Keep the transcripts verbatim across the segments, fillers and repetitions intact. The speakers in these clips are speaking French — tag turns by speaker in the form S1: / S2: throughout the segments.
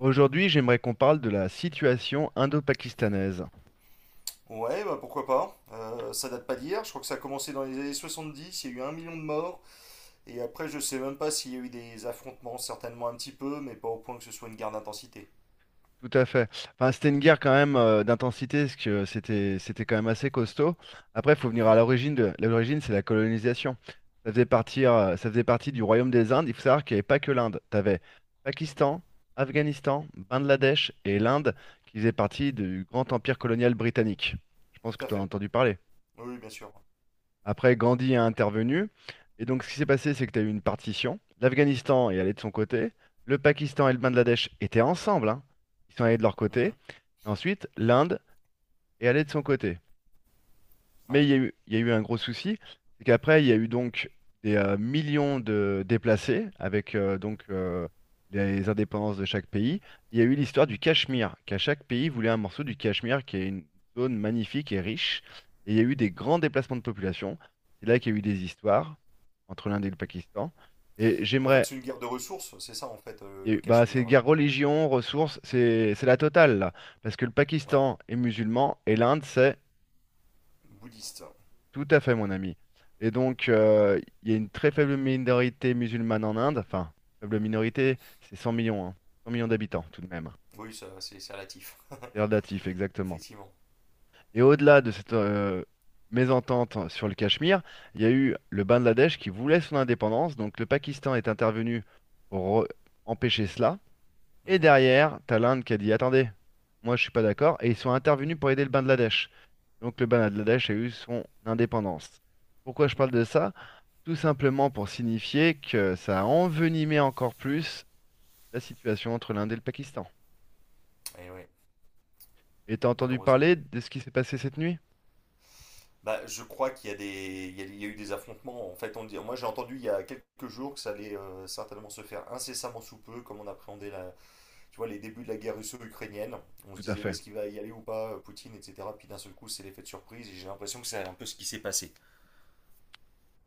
S1: Aujourd'hui, j'aimerais qu'on parle de la situation indo-pakistanaise.
S2: Ouais, bah pourquoi pas. Euh, ça date pas d'hier. Je crois que ça a commencé dans les années soixante-dix. Il y a eu un million de morts. Et après, je sais même pas s'il y a eu des affrontements. Certainement un petit peu, mais pas au point que ce soit une guerre d'intensité.
S1: Tout à fait. Enfin, c'était une guerre quand même euh, d'intensité, parce que c'était c'était quand même assez costaud. Après, il faut venir
S2: Mhm,
S1: à l'origine de l'origine, c'est la colonisation. Ça faisait partie, euh, ça faisait partie du Royaume des Indes. Il faut savoir qu'il n'y avait pas que l'Inde. Tu avais Pakistan, Afghanistan, Bangladesh et l'Inde qui faisaient partie du grand empire colonial britannique. Je pense que
S2: tout à
S1: tu as
S2: fait.
S1: entendu parler.
S2: Oui, bien sûr.
S1: Après, Gandhi a intervenu. Et donc, ce qui s'est passé, c'est que tu as eu une partition. L'Afghanistan est allé de son côté. Le Pakistan et le Bangladesh étaient ensemble, hein. Ils sont allés de leur
S2: Mhm,
S1: côté. Ensuite, l'Inde est allée de son côté. Mais
S2: ouais.
S1: il y a eu, il y a eu un gros souci, c'est qu'après, il y a eu donc des euh, millions de déplacés avec euh, donc euh, les indépendances de chaque pays. Il y a eu l'histoire du Cachemire, qu'à chaque pays voulait un morceau du Cachemire, qui est une zone magnifique et riche. Et il y a eu des grands déplacements de population. C'est là qu'il y a eu des histoires entre l'Inde et le Pakistan. Et
S2: Donc en fait,
S1: j'aimerais,
S2: c'est une guerre de ressources. C'est ça, en fait, euh,
S1: il y a eu-
S2: le
S1: bah, c'est
S2: Cachemire.
S1: guerre
S2: Euh,
S1: religion, ressources, c'est c'est la totale là, parce que le
S2: ouais.
S1: Pakistan est musulman et l'Inde c'est
S2: Bouddhiste.
S1: Tout à fait, mon ami. Et donc, euh, il y a une très faible minorité musulmane en Inde. Enfin, faible
S2: Mhm.
S1: minorité, c'est cent millions, hein. cent millions d'habitants, tout de même.
S2: Oui, ça, c'est c'est relatif.
S1: C'est relatif, exactement.
S2: Effectivement.
S1: Et au-delà de cette euh, mésentente sur le Cachemire, il y a eu le Bangladesh qui voulait son indépendance. Donc, le Pakistan est intervenu pour re- empêcher cela. Et
S2: Mhm,
S1: derrière, t'as l'Inde qui a dit, attendez, moi, je suis pas d'accord. Et ils sont intervenus pour aider le Bangladesh. Donc, le Bangladesh a eu son indépendance. Pourquoi je
S2: mhm.
S1: parle de ça? Tout simplement pour signifier que ça a envenimé encore plus la situation entre l'Inde et le Pakistan.
S2: Et ouais,
S1: Et t'as entendu
S2: malheureusement.
S1: parler de ce qui s'est passé cette nuit?
S2: Bah, je crois qu'il y a des, il y a, il y a eu des affrontements. En fait, on le dit, moi j'ai entendu il y a quelques jours que ça allait euh, certainement se faire incessamment sous peu, comme on appréhendait la, tu vois, les débuts de la guerre russo-ukrainienne. On se
S1: Tout à
S2: disait, ouais,
S1: fait.
S2: est-ce qu'il va y aller ou pas, euh, Poutine, et cetera. Puis d'un seul coup, c'est l'effet de surprise. Et j'ai l'impression que c'est un peu ce qui s'est passé.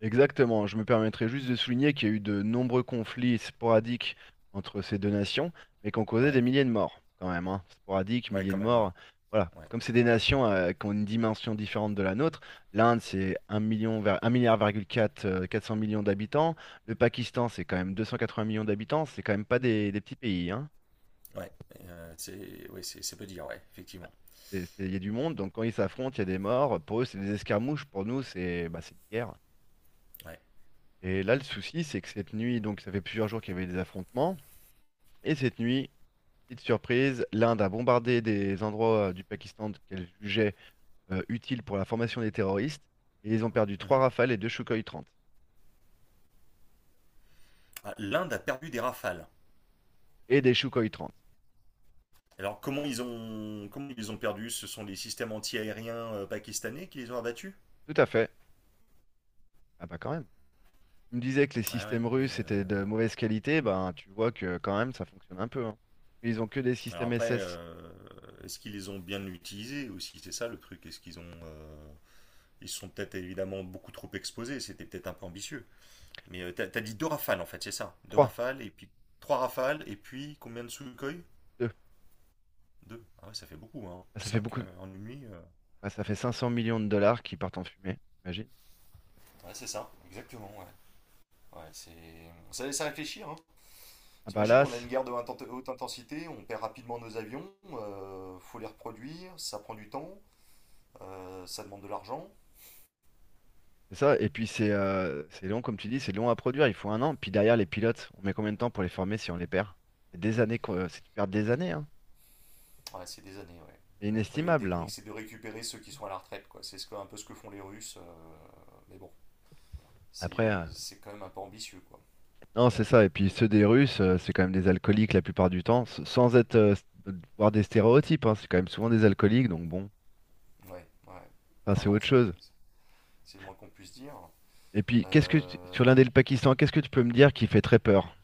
S1: Exactement. Je me permettrai juste de souligner qu'il y a eu de nombreux conflits sporadiques entre ces deux nations, mais qui ont causé des
S2: Ouais,
S1: milliers de morts, quand même, hein. Sporadiques,
S2: ouais,
S1: milliers
S2: quand
S1: de
S2: même, hein.
S1: morts. Voilà.
S2: Ouais,
S1: Comme c'est des nations euh, qui ont une dimension différente de la nôtre, l'Inde, c'est un million, ver- un milliard, virgule quatre, euh, quatre cents millions d'habitants. Le Pakistan, c'est quand même deux cent quatre-vingts millions d'habitants. C'est quand même pas des, des petits pays, hein.
S2: ouais, Euh, c'est, ouais, c'est, c'est peu dire. Ouais, effectivement.
S1: C'est- c'est- Il y a du monde, donc quand ils s'affrontent, il y a des morts. Pour eux, c'est des escarmouches, pour nous, c'est bah, c'est une guerre.
S2: Ouais.
S1: Et là, le souci, c'est que cette nuit, donc ça fait plusieurs jours qu'il y avait des affrontements, et cette nuit, petite surprise, l'Inde a bombardé des endroits euh, du Pakistan qu'elle jugeait euh, utiles pour la formation des terroristes, et ils ont perdu trois
S2: Mhm.
S1: Rafales et deux Sukhoi trente.
S2: Ah, l'Inde a perdu des rafales.
S1: Et des Sukhoi trente.
S2: Alors comment ils ont, comment ils les ont perdu? Ce sont les systèmes anti-aériens euh, pakistanais qui les ont abattus?
S1: Tout à fait. Ah bah quand même. Tu me disais que les
S2: Ouais, ouais,
S1: systèmes russes
S2: mais.
S1: étaient
S2: euh,
S1: de mauvaise qualité, ben tu vois que quand même, ça fonctionne un peu. Hein. Ils ont que des
S2: Alors
S1: systèmes
S2: après,
S1: S S.
S2: euh, est-ce qu'ils les ont bien utilisés aussi? C'est ça le truc. Est-ce qu'ils ont, euh, ils se sont peut-être évidemment beaucoup trop exposés. C'était peut-être un peu ambitieux. Mais euh, t'as, t'as dit deux rafales en fait, c'est ça. Deux
S1: trois,
S2: rafales et puis trois rafales et puis combien de Sukhoi?
S1: deux.
S2: Deux. Ah ouais, ça fait beaucoup, hein.
S1: Ah, ça fait
S2: Cinq
S1: beaucoup.
S2: euh, en une nuit. euh.
S1: Bah, ça fait cinq cents millions de dollars qui partent en fumée, imagine.
S2: Ouais, c'est ça, exactement, ouais. Ouais, c'est… Ça laisse à réfléchir, hein.
S1: Ah bah
S2: T'imagines,
S1: là,
S2: on a une
S1: c'est
S2: guerre de inten- haute intensité, on perd rapidement nos avions, euh, faut les reproduire, ça prend du temps, euh, ça demande de l'argent.
S1: c'est ça. Et puis c'est euh, c'est long, comme tu dis, c'est long à produire. Il faut un an. Puis derrière, les pilotes, on met combien de temps pour les former si on les perd? C'est des années qu'on- c'est tu perds des années, hein.
S2: Ouais, c'est des années, ouais.
S1: C'est
S2: Et après, il y a une
S1: inestimable, là.
S2: technique,
S1: Hein.
S2: c'est de récupérer ceux qui sont à la retraite, quoi. C'est ce que- un peu ce que font les Russes, euh, mais bon,
S1: Après, euh,
S2: c'est c'est quand même un peu ambitieux, quoi.
S1: non, c'est ça. Et puis ceux des Russes, euh, c'est quand même des alcooliques la plupart du temps, s- sans être euh, s- voir des stéréotypes. Hein. C'est quand même souvent des alcooliques, donc bon,
S2: Ouais, ouais.
S1: enfin,
S2: Non,
S1: c'est
S2: non,
S1: autre
S2: c'est
S1: chose.
S2: c'est le moins qu'on puisse dire.
S1: Et puis, qu'est-ce que tu- sur
S2: Euh,
S1: l'Inde et le Pakistan, qu'est-ce que tu peux me dire qui fait très peur?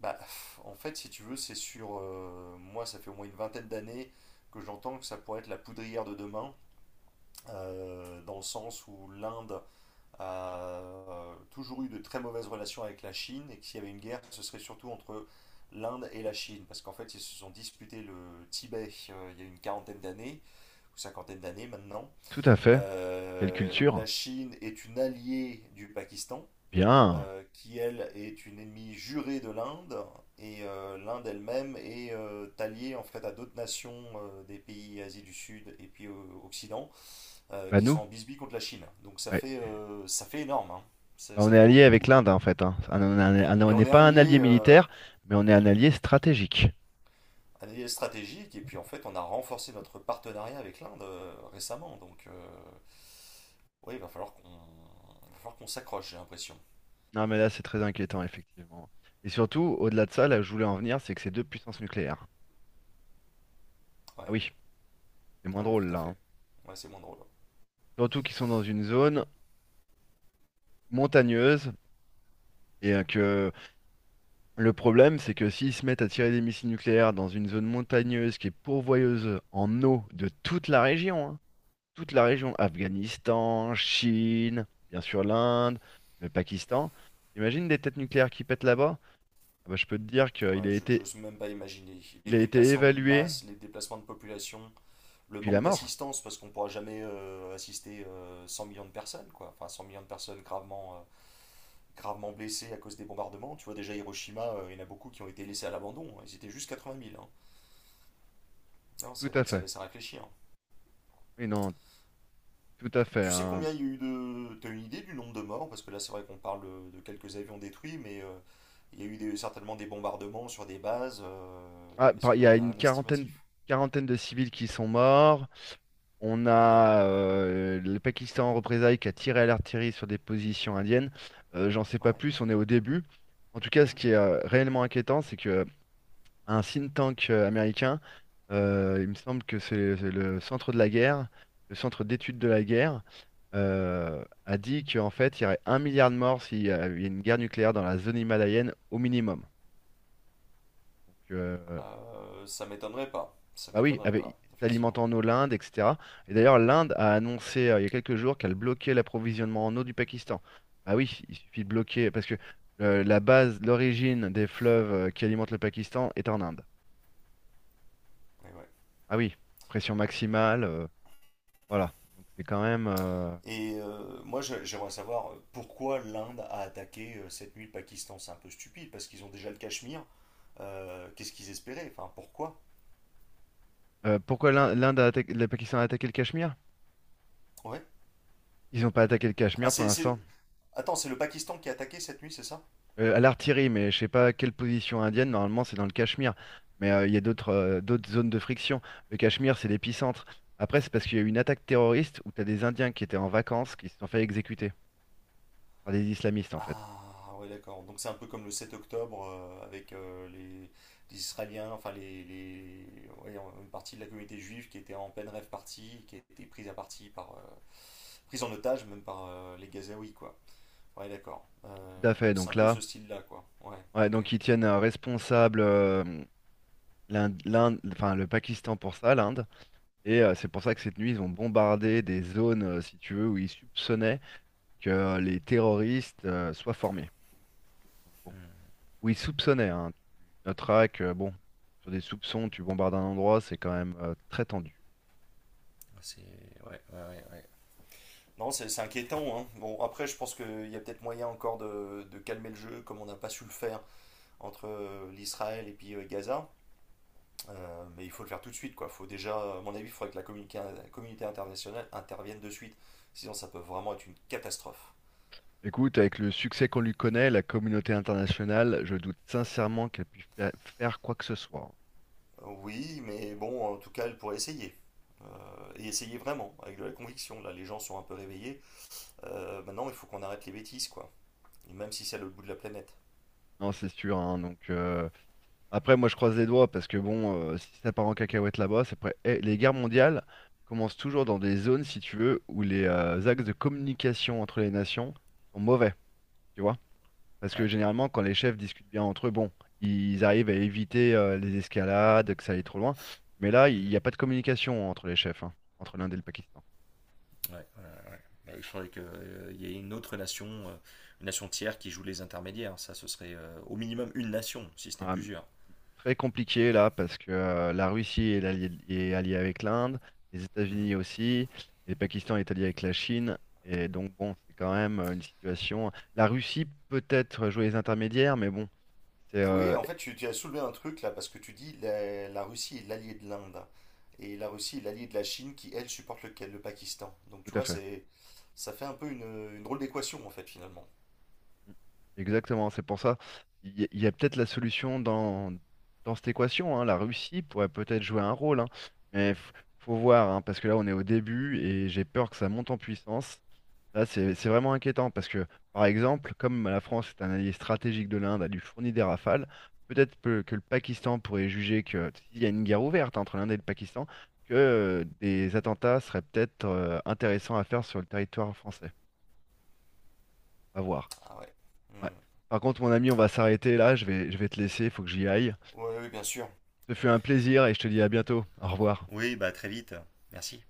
S2: bah, pff, en fait, si tu veux, c'est sur… euh, moi, ça fait au moins une vingtaine d'années que j'entends que ça pourrait être la poudrière de demain, euh, dans le sens où l'Inde a euh, toujours eu de très mauvaises relations avec la Chine et que s'il y avait une guerre, ce serait surtout entre l'Inde et la Chine, parce qu'en fait, ils se sont disputés le Tibet euh, il y a une quarantaine d'années, ou cinquantaine d'années maintenant.
S1: Tout à fait. Quelle
S2: Euh,
S1: culture?
S2: la Chine est une alliée du Pakistan,
S1: Bien.
S2: euh, qui elle est une ennemie jurée de l'Inde, et euh, l'Inde elle-même est euh, alliée en fait à d'autres nations euh, des pays Asie du Sud et puis euh, Occident, euh,
S1: Bah
S2: qui sont
S1: nous.
S2: en bisbee contre la Chine. Donc ça
S1: Ouais.
S2: fait, euh, ça fait énorme, hein. ça,
S1: Bah, on
S2: ça
S1: est
S2: fait
S1: allié
S2: beaucoup.
S1: avec l'Inde hein, en
S2: euh.
S1: fait. Hein. Un- un- un- un-
S2: Et
S1: On
S2: on
S1: n'est
S2: est
S1: pas
S2: un
S1: un
S2: allié,
S1: allié
S2: euh,
S1: militaire, mais on est un allié stratégique.
S2: un allié stratégique, et puis en fait on a renforcé notre partenariat avec l'Inde euh, récemment. Donc euh, oui, il va falloir qu'on il va falloir qu'on s'accroche, j'ai l'impression.
S1: Non mais là c'est très inquiétant effectivement. Et surtout, au-delà de ça, là où je voulais en venir, c'est que c'est deux puissances nucléaires. Ah
S2: Ouais,
S1: oui, c'est moins
S2: ouais,
S1: drôle
S2: tout à
S1: là.
S2: fait.
S1: Hein.
S2: Ouais, c'est moins drôle.
S1: Surtout qu'ils sont dans une zone montagneuse et euh, que le problème c'est que s'ils se mettent à tirer des missiles nucléaires dans une zone montagneuse qui est pourvoyeuse en eau de toute la région, hein, toute la région, Afghanistan, Chine, bien sûr l'Inde, le Pakistan. Imagine des têtes nucléaires qui pètent là-bas? Ah bah, je peux te dire qu'il
S2: Ouais,
S1: a
S2: je je
S1: été,
S2: n'ose même pas imaginer.
S1: il
S2: Les
S1: a été
S2: déplacements de
S1: évalué,
S2: masse, les déplacements de population, le
S1: puis la
S2: manque
S1: mort.
S2: d'assistance, parce qu'on ne pourra jamais euh, assister euh, cent millions de personnes, quoi. Enfin, cent millions de personnes gravement, euh, gravement blessés à cause des bombardements. Tu vois, déjà Hiroshima, euh, il y en a beaucoup qui ont été laissés à l'abandon. Ils étaient juste quatre-vingt mille, hein. Non,
S1: Tout
S2: c'est vrai
S1: à
S2: que ça
S1: fait.
S2: laisse à réfléchir.
S1: Oui, non, tout à fait.
S2: Tu sais
S1: Hein.
S2: combien il y a eu de. T'as une idée du nombre de morts? Parce que là, c'est vrai qu'on parle de, de quelques avions détruits, mais euh, il y a eu des- certainement des bombardements sur des bases. euh,
S1: Ah,
S2: Est-ce
S1: par- il y
S2: qu'on
S1: a
S2: a
S1: une
S2: un
S1: quarantaine,
S2: estimatif?
S1: quarantaine de civils qui sont morts. On
S2: Évidemment.
S1: a euh, le Pakistan en représailles qui a tiré à l'artillerie sur des positions indiennes. Euh, j'en sais pas
S2: Ouais.
S1: plus, on est au début. En tout cas, ce
S2: Mhm.
S1: qui est euh, réellement inquiétant, c'est que un think tank euh, américain. Euh, il me semble que c'est c'est le centre de la guerre, le centre d'études de la guerre, euh, a dit qu'en fait, il y aurait un milliard de morts s'il y avait une guerre nucléaire dans la zone himalayenne au minimum. Donc, euh,
S2: Euh, ça m'étonnerait pas. Ça
S1: bah oui,
S2: m'étonnerait
S1: avec,
S2: pas, effectivement.
S1: s'alimentant en eau l'Inde, et cetera. Et d'ailleurs, l'Inde a annoncé euh, il y a quelques jours qu'elle bloquait l'approvisionnement en eau du Pakistan. Bah oui, il suffit de bloquer parce que euh, la base, l'origine des fleuves euh, qui alimentent le Pakistan est en Inde.
S2: Mais ouais.
S1: Ah oui, pression maximale. euh, Voilà. Donc c'est quand même. euh,
S2: Et euh, moi, j'aimerais savoir euh, pourquoi l'Inde a attaqué euh, cette nuit le Pakistan. C'est un peu stupide parce qu'ils ont déjà le Cachemire. Euh, qu'est-ce qu'ils espéraient? Enfin, pourquoi?
S1: euh, pourquoi l'Inde l'Inde a attaqué, le Pakistan a attaqué le Cachemire?
S2: Ouais.
S1: Ils n'ont pas attaqué le
S2: Ah,
S1: Cachemire pour
S2: c'est, c'est-
S1: l'instant.
S2: Attends, c'est le Pakistan qui a attaqué cette nuit, c'est ça?
S1: Euh, à l'artillerie, mais je sais pas quelle position indienne. Normalement, c'est dans le Cachemire. Mais euh, il y a d'autres euh, d'autres zones de friction. Le Cachemire, c'est l'épicentre. Après, c'est parce qu'il y a eu une attaque terroriste où tu as des Indiens qui étaient en vacances qui se sont fait exécuter par des islamistes, en fait.
S2: Ah, ouais, d'accord. Donc c'est un peu comme le sept octobre euh, avec euh, les… les Israéliens, enfin les, les- ouais, une partie de la communauté juive qui était en pleine rêve partie, qui a été prise à partie par, euh, prise en otage même par euh, les Gazaouis, quoi. Ouais, d'accord.
S1: Tout
S2: Euh,
S1: à fait.
S2: c'est
S1: Donc
S2: un peu
S1: là,
S2: ce style-là, quoi. Ouais,
S1: ouais,
S2: ok.
S1: donc ils tiennent euh, responsable euh, l'Inde, l'Inde- enfin, le Pakistan pour ça, l'Inde. Et euh, c'est pour ça que cette nuit, ils ont bombardé des zones, euh, si tu veux, où ils soupçonnaient que euh, les terroristes euh, soient formés. Donc, bon, où ils soupçonnaient, hein. Tu noteras que, bon, sur des soupçons, tu bombardes un endroit, c'est quand même euh, très tendu.
S2: Ouais. Non, c'est c'est inquiétant, hein. Bon, après, je pense qu'il y a peut-être moyen encore de, de calmer le jeu, comme on n'a pas su le faire entre euh, l'Israël et puis euh, Gaza. Euh, mais il faut le faire tout de suite, quoi. Faut déjà, à mon avis, il faudrait que la communica- la communauté internationale intervienne de suite. Sinon, ça peut vraiment être une catastrophe.
S1: Écoute, avec le succès qu'on lui connaît, la communauté internationale, je doute sincèrement qu'elle puisse fa- faire quoi que ce soit.
S2: Oui, mais bon, en tout cas, elle pourrait essayer. Euh, et essayer vraiment, avec de la conviction. Là, les gens sont un peu réveillés. Euh, maintenant, il faut qu'on arrête les bêtises, quoi. Et même si c'est à l'autre bout de la planète.
S1: Non, c'est sûr, hein, donc euh, après, moi, je croise les doigts parce que bon, euh, si ça part en cacahuète là-bas, c'est prêt. Eh, les guerres mondiales commencent toujours dans des zones, si tu veux, où les euh, axes de communication entre les nations sont mauvais, tu vois? Parce que
S2: Ouais.
S1: généralement, quand les chefs discutent bien entre eux, bon, ils arrivent à éviter euh, les escalades, que ça aille trop loin. Mais là, il n'y
S2: Mhm.
S1: a pas de communication entre les chefs, hein, entre l'Inde et le Pakistan.
S2: Ouais, ouais, ouais. Bah, je croyais qu'il y ait une autre nation, euh, une nation tiers qui joue les intermédiaires. Ça, ce serait euh, au minimum une nation, si ce n'est
S1: Ah,
S2: plusieurs.
S1: très compliqué là parce que euh, la Russie est alliée, est alliée avec l'Inde, les
S2: Mhm.
S1: États-Unis aussi, et le Pakistan est allié avec la Chine. Et donc bon, c'est quand même euh, une situation. La Russie peut-être jouer les intermédiaires, mais bon, c'est
S2: Oui,
S1: euh,
S2: en fait, tu, tu as soulevé un truc là, parce que tu dis la, la Russie est l'alliée de l'Inde. Et la Russie est l'alliée de la Chine qui, elle, supporte le, le Pakistan. Donc, tu
S1: tout à
S2: vois,
S1: fait.
S2: c'est, ça fait un peu une, une drôle d'équation, en fait, finalement.
S1: Mm. Exactement, c'est pour ça. Il y a, il y a peut-être la solution dans, dans cette équation. Hein. La Russie pourrait peut-être jouer un rôle, hein. Mais f- faut voir, hein, parce que là on est au début et j'ai peur que ça monte en puissance. Là, c'est c'est vraiment inquiétant parce que, par exemple, comme la France est un allié stratégique de l'Inde, elle lui fournit des rafales, peut-être peu- que, le Pakistan pourrait juger que s'il y a une guerre ouverte entre l'Inde et le Pakistan, que euh, des attentats seraient peut-être euh, intéressants à faire sur le territoire français. À voir.
S2: Ah ouais.
S1: Ouais.
S2: Mhm.
S1: Par contre, mon ami, on va s'arrêter là. Je vais, je vais te laisser, il faut que j'y aille.
S2: Ouais, oui, bien sûr.
S1: Ce fut un plaisir et je te dis à bientôt. Au revoir.
S2: Oui, bah très vite. Merci.